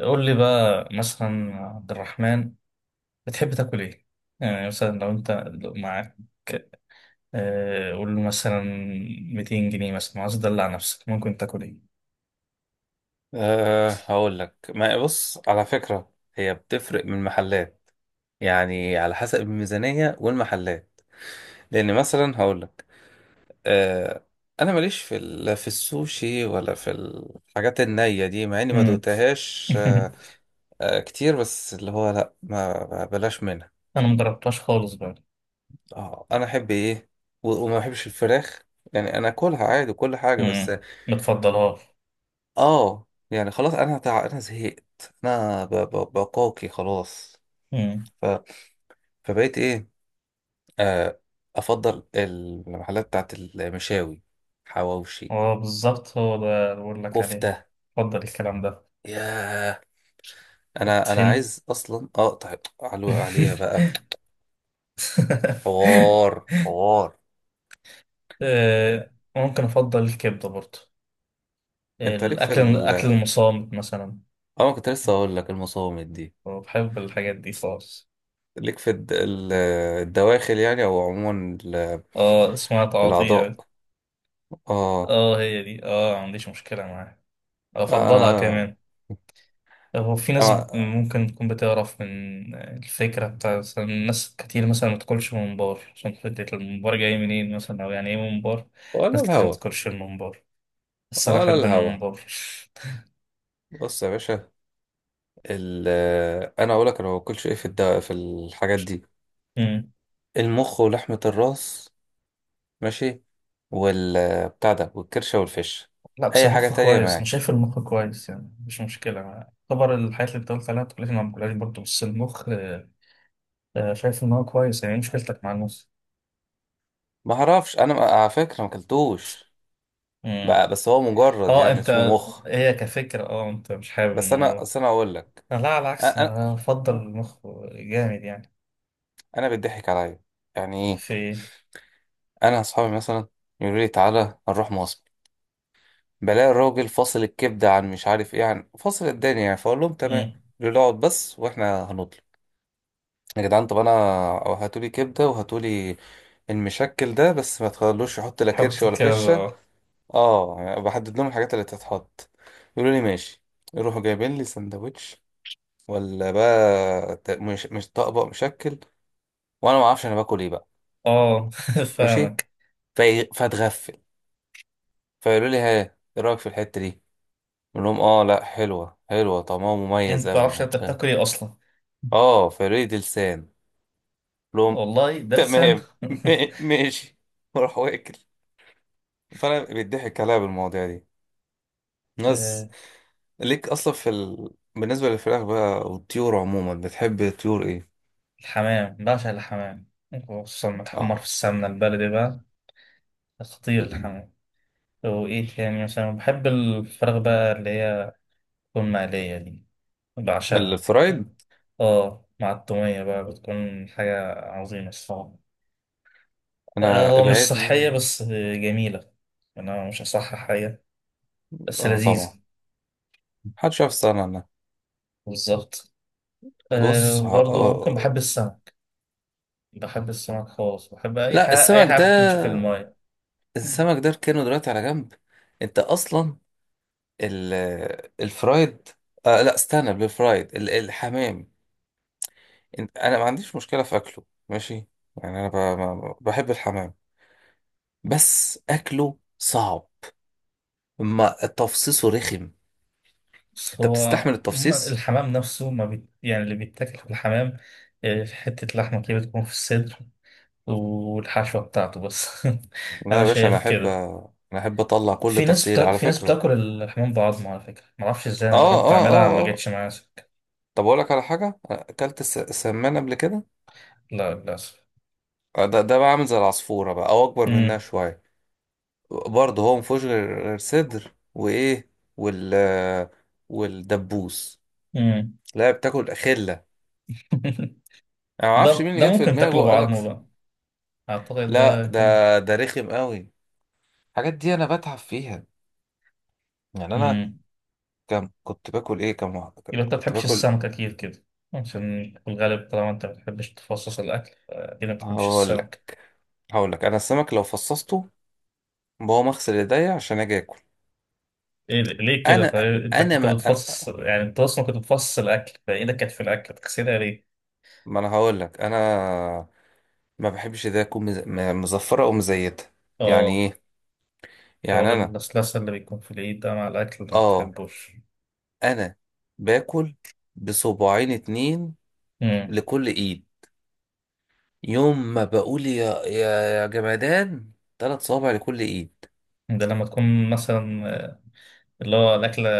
قول لي بقى مثلا عبد الرحمن، بتحب تاكل ايه؟ يعني مثلا لو معاك، قول له مثلا 200 جنيه مثلا، عايز تدلع نفسك ممكن تاكل ايه؟ أه، هقول لك. ما بص، على فكرة هي بتفرق من محلات، يعني على حسب الميزانية والمحلات. لأن مثلا هقول لك. أه أنا ماليش في في السوشي ولا في الحاجات النية دي، مع إني ما مم. دوقتهاش. أه أه كتير، بس اللي هو لأ، ما بلاش منها. انا مجربتهاش خالص بقى. أه، أنا أحب إيه؟ و- وما بحبش الفراخ، يعني أنا أكلها عادي وكل حاجة، بس. مم. متفضلهاش. يعني خلاص، أنا أنا زهقت، أنا بقاكي خلاص. مم. فبقيت ايه، آه افضل المحلات بتاعت المشاوي، حواوشي، اه بالظبط، هو ده اللي بقول لك عليه. كفته. اتفضل الكلام ده. ياه، انا الطحين. عايز اصلا اقطع عليها بقى. حوار حوار. آه، ممكن افضل الكبده برضه. آه، انت ليك في الاكل ال اكل المصامت مثلا، اه أنا كنت لسه اقول لك المصامت دي. وبحب الحاجات دي خالص. ليك في الدواخل، يعني او عموما، اه اسمها الاعضاء. تعاطيع. اه. اه هي دي، ما عنديش مشكلة معاها، افضلها انا كمان. هو في ناس انا ممكن تكون بتعرف من الفكرة بتاع، مثلا ناس كتير مثلا ما تاكلش ممبار عشان فكرة الممبار جاي منين مثلا، او يعني ايه ممبار. ناس ولا كتير ما الهوا، تاكلش الممبار، بس انا ولا احب الهوا. الممبار. بص يا باشا، ال انا اقول لك. انا ما باكلش ايه في في الحاجات دي: مم. المخ ولحمه الراس، ماشي، وال بتاع ده، والكرشه والفش. لا بس اي حاجه المخ تانية كويس، انا معاك؟ شايف المخ كويس يعني، مش مشكلة معاه طبعا. الحاجات اللي بتقول عليها ما تاكلهاش ما باكلهاش برضه، بس المخ. شايف ان هو كويس. يعني إيه مشكلتك مع المخ؟ ما اعرفش، انا ما- على فكره ما اكلتوش مم. بس، هو مجرد اه يعني انت، اسمه مخ. هي كفكرة، انت مش حابب بس انا الموضوع. اصل انا اقول لك، أنا لا، على العكس انا انا بفضل آه. المخ جامد يعني. أنا بيضحك عليا، يعني ايه؟ في. انا اصحابي مثلا يقولوا لي تعالى نروح مصر، بلاقي الراجل فاصل الكبده، عن مش عارف ايه، عن فاصل الدنيا، يعني. فاقول لهم تمام. مم. يقولوا لي اقعد بس واحنا هنطلع. يا جدعان طب انا، أو هاتولي كبده وهاتولي المشكل ده بس، ما تخلوش يحط لا كرش حط ولا فشه. كذا. اه، يعني بحدد لهم الحاجات اللي تتحط. يقولوا لي ماشي، يروحوا جايبين لي سندوتش، ولا بقى، مش طبق مشكل، وانا ما اعرفش انا باكل ايه بقى. اه ماشي، فاهمك. فاتغفل. فيقولوا لي ها، ايه رايك في الحته دي؟ اقول لهم اه لا، حلوه حلوه، طعمها انت مميز متعرفش قوي. انت بتاكل ايه اصلا. اه، فيقولوا لي دي لسان. أقول لهم والله ده لسان. تمام، ماشي واروح واكل. فانا بيضحك عليا بالمواضيع دي، ناس. آه، ليك اصلا في بالنسبه للفراخ بقى والطيور عموما، بتحب طيور ايه؟ الحمام، بعشق الحمام، خصوصا لما تحمر في اه، السمنة البلدي بقى. خطير الحمام. وايه تاني؟ مثلا بحب الفراخ بقى، اللي هي تكون مقلية دي، بعشقها. الفرايد. اه، مع التومية بقى بتكون حاجة عظيمة الصراحة. آه، انا هو مش صحية ابعدني. بس جميلة. يعني أنا مش هصحح حاجة، بس اه طبعا، لذيذة. محدش يعرف يستغنى عنها. بالظبط. بص أه برضه ممكن، بحب آه. السمك، بحب السمك خالص، بحب أي لا، حاجة أي السمك حاجة بتمشي في ده، الماية. السمك ده اركنه دلوقتي على جنب. انت اصلا ال... الفرايد. آه لا، استنى بالفرايد، الحمام. انا ما عنديش مشكله في اكله، ماشي، يعني انا ب... ما- بحب الحمام، بس اكله صعب، ما تفصيصه رخم. بس انت هو بتستحمل عموماً التفصيص؟ الحمام نفسه ما بي... يعني اللي بيتاكل في الحمام، آه، في حتة لحمة كده بتكون في الصدر والحشوة بتاعته بس. لا أنا يا باشا، انا شايف احب كده. انا احب اطلع كل تفصيله، على في ناس فكره. بتاكل الحمام بعظمه على فكره، ما اعرفش ازاي، انا اه جربت اه اعملها ما اه اه. جاتش معايا سكه. طب اقول لك على حاجه، اكلت السمان قبل كده؟ لا للاسف. آه، ده ده بقى عامل زي العصفوره بقى، او اكبر منها امم. شويه. برضه هو مفيهوش غير صدر وايه، وال آه، والدبوس امم. لا، بتاكل خله. انا ما اعرفش ده مين ده اللي جت في ممكن تاكله دماغه قال لك. بعظمه بقى، اعتقد لا ده ده، كنت. ده رخم قوي، الحاجات دي انا بتعب فيها. يعني انا، امم. كم كنت باكل ايه، كم واحدة كده؟ يبقى انت ما كنت بتحبش باكل. السمك اكيد كده، عشان في الغالب طالما انت ما بتحبش تفصص الاكل، اكيد ما بتحبش هقول لك السمك. هقول لك انا السمك لو فصصته، بقوم اغسل ايديا عشان اجي اكل. إيه ليه كده؟ انا طيب انت انا كنت ما انا, بتفصص، يعني انت اصلا كنت بتفصص الاكل، فايدك كانت في الاكل تغسلها ليه؟ ما أنا هقول لك، انا ما بحبش ايديا تكون مزفرة او مزيتة، يعني اه، ايه؟ حوار يعني انا، اللسلسه اللي بيكون في الايد ده مع الاكل ده ما اه، بتحبوش. انا باكل بصباعين 2 لكل ايد، يوم ما بقول يا جمدان 3 صوابع لكل ايد. ده لما تكون مثلا، اللي هو الأكلة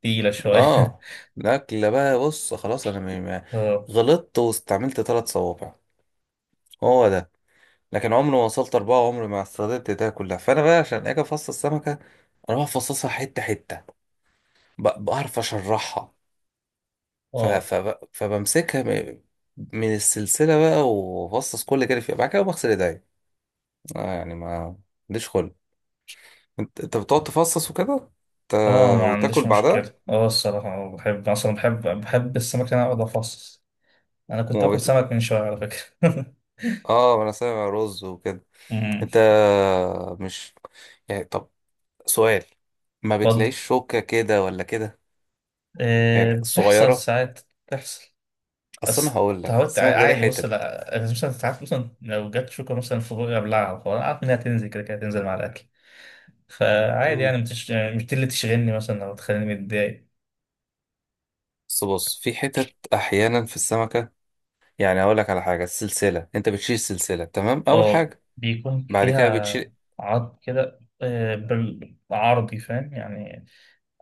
تقيلة شوية. اه، الاكل بقى، بص خلاص انا اه، غلطت واستعملت 3 صوابع، هو ده. لكن عمري ما وصلت 4، عمري ما استخدمت ده كلها. فانا بقى عشان اجي افصص السمكه، اروح افصصها حته حته. بعرف اشرحها. ف... اه، ف... فبمسكها م- من السلسله بقى، وافصص كل كده فيها، بعد كده بغسل ايديا. آه، يعني ما عنديش خلق. انت بتقعد تفصص وكده، ت... اه ما وتاكل عنديش بعدها؟ مشكلة، الصراحة، آه، بحب مثلا بحب بحب السمك اللي أنا أقعد أفصص. أنا كنت وما باكل بت... سمك من شوية على فكرة. اه، انا سامع رز وكده. أمم. انت مش، يعني، طب سؤال، ما اتفضل. بتلاقيش شوكة كده ولا كده؟ آه، يعني بتحصل صغيرة. ساعات، بتحصل، اصل انا بس هقول لك تعودت، السمك ده ليه عادي. بص، حتت. لا أنا مثلا ساعات مثلا لو جت شوكة مثلا في بوقي أبلعها، فأنا عارف إنها تنزل كده كده، تنزل مع الأكل. فعادي مم. يعني، مش دي اللي تشغلني مثلا أو تخليني متضايق. بس بص، في حتت احيانا في السمكة. يعني هقول لك على حاجة: السلسلة، انت بتشيل السلسلة تمام اول اه حاجة، بيكون بعد كده فيها بتشيل. عرض كده، آه، بالعرضي فاهم يعني.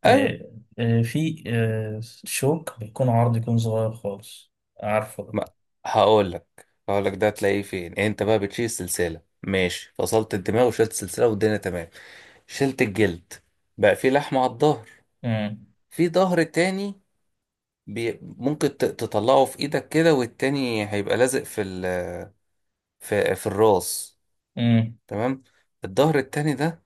ايوه. آه، آه، في، شوك بيكون عرض، يكون صغير خالص، عارفه ده. ما هقول لك ده تلاقيه فين. انت بقى بتشيل السلسلة، ماشي، فصلت الدماغ وشلت السلسلة والدنيا تمام، شلت الجلد، بقى في لحمة على الظهر. امم. في ظهر تاني، بي ممكن تطلعه في ايدك كده، والتاني هيبقى لازق في في الراس. امم. تمام؟ الظهر التاني ده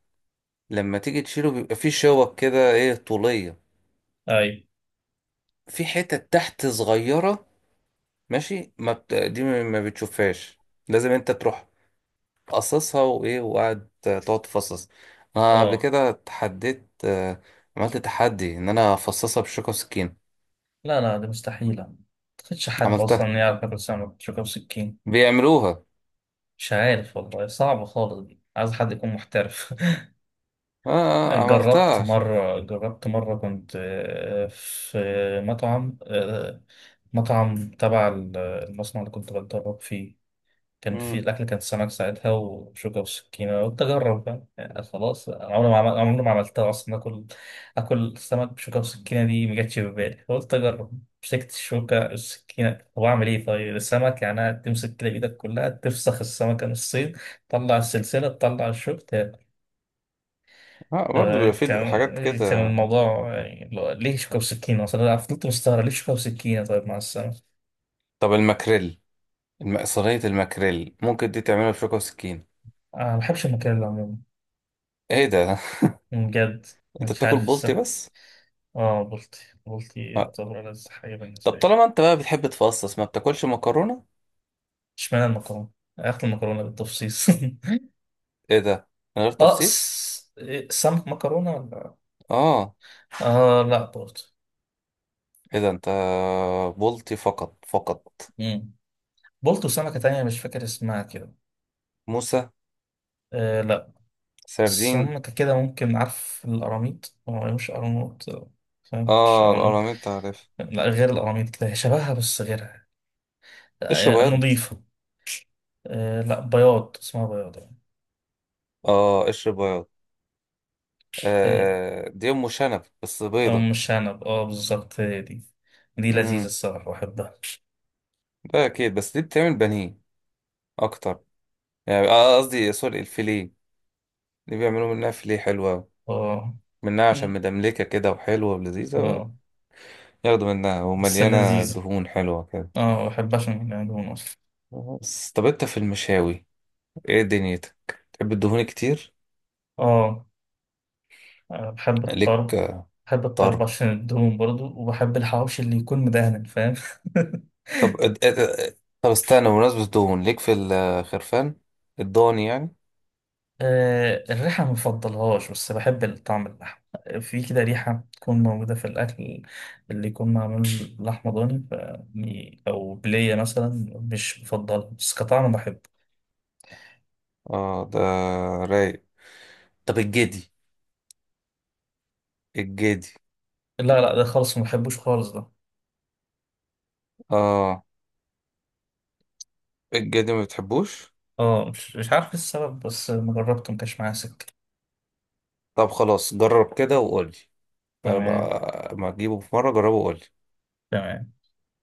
لما تيجي تشيله، بيبقى فيه شوك كده ايه، طولية، اي، في حتة تحت صغيرة ماشي، ما بت... دي ما بتشوفهاش. لازم انت تروح قصصها وايه، وقعد تقعد تفصص. انا قبل اه، كده اتحديت، آه، عملت تحدي ان انا افصصها بشوكة وسكين. لا لا دي مستحيلة، ما تخدش حد اصلا عملتها، يعرف ياكل سمك شوكة وسكين. بيعملوها. مش عارف والله، صعبة خالص دي، عايز حد يكون محترف. اه، آه، جربت عملتها عشان. مرة جربت مرة كنت، في مطعم آه، مطعم تبع المصنع اللي كنت بتدرب فيه. كان في مم. الأكل، كان سمك ساعتها وشوكة وسكينة، قلت أجرب بقى، يعني خلاص، أنا عمري ما عملتها أصلا. آكل سمك بشوكة وسكينة دي ما جاتش في بالي، فقلت أجرب. مسكت الشوكة السكينة، طب أعمل إيه؟ طيب السمك يعني تمسك كده بإيدك كلها، تفسخ السمكة نصين، تطلع السلسلة، تطلع الشوك. اه، برضه آه، بيبقى في حاجات كان كده. الموضوع يعني، ليه شوكة وسكينة أصلا؟ أنا فضلت مستغرب ليه شوكة وسكينة. طيب مع السلامة. طب الماكريل، صينية الماكريل ممكن دي تعملها بشوكة وسكين؟ أنا ما بحبش المكان ده عموما، ايه ده بجد، انت مش بتاكل عارف بولتي السبب. بس؟ آه بلطي. بلطي آه. يعتبر ألذ حاجة طب بالنسبة لي. طالما انت بقى بتحب تفصص، ما بتاكلش مكرونة؟ اشمعنى المكرونة؟ آخد المكرونة بالتفصيص؟ ايه ده، من غير تفصيص؟ إيه، سمك مكرونة ولا؟ اه. آه لا برضه. ايه ده، انت بولتي فقط فقط؟ مم. بلطي، وسمكة تانية مش فاكر اسمها كده. موسى، آه لا، سردين. سمكة كده ممكن، عارف القراميط؟ هو مش قراميط، فاهم؟ مش اه، قراميط. القراميط تعرف. لا، غير القراميط كده، هي شبهها بس غيرها، قشر آه، بياض. نظيفة. آه، لا بياض، اسمها بياض يعني. اه، قشر بياض. آه، آه، دي ام شنب، بس أو بيضة. مش شنب، اه بالظبط هي دي، دي لذيذة امم. الصراحة بحبها. ده اكيد، بس دي بتعمل بانيه اكتر، يعني آه، قصدي سوري، الفيليه، دي بيعملوا منها فيليه حلوة أوي، اه. منها، عشان مم. مدملكة كده وحلوة ولذيذة. اه، ياخدوا منها، بس ومليانة لذيذة. دهون حلوة كده. اه بحبها عشان يعني دهون أصلا. بس طب انت في المشاوي، ايه دنيتك؟ تحب الدهون كتير؟ اه. آه، بحب ليك، الطرب. بحب الطرب طرب. عشان الدهون برضو، وبحب الحواوشي اللي يكون مدهن، فاهم؟ طب طب استنى، بمناسبة الدهون، ليك في الخرفان، الضاني يعني. آه، الريحة ما بفضلهاش بس بحب الطعم، اللحم في كده ريحة تكون موجودة في الأكل اللي يكون معمول لحمة ضاني، أو بلية مثلا، مش بفضلها بس كطعم بحبه. اه ده رايق. طب الجدي، الجدي. لا لا ده خالص ما بحبوش خالص ده. اه، الجدي ما بتحبوش؟ اه، مش عارف إيه السبب، بس مجربته مكانش معايا سكة. طب خلاص، جرب كده وقولي. تمام. ما تجيبه في مرة، جربه وقولي. تمام.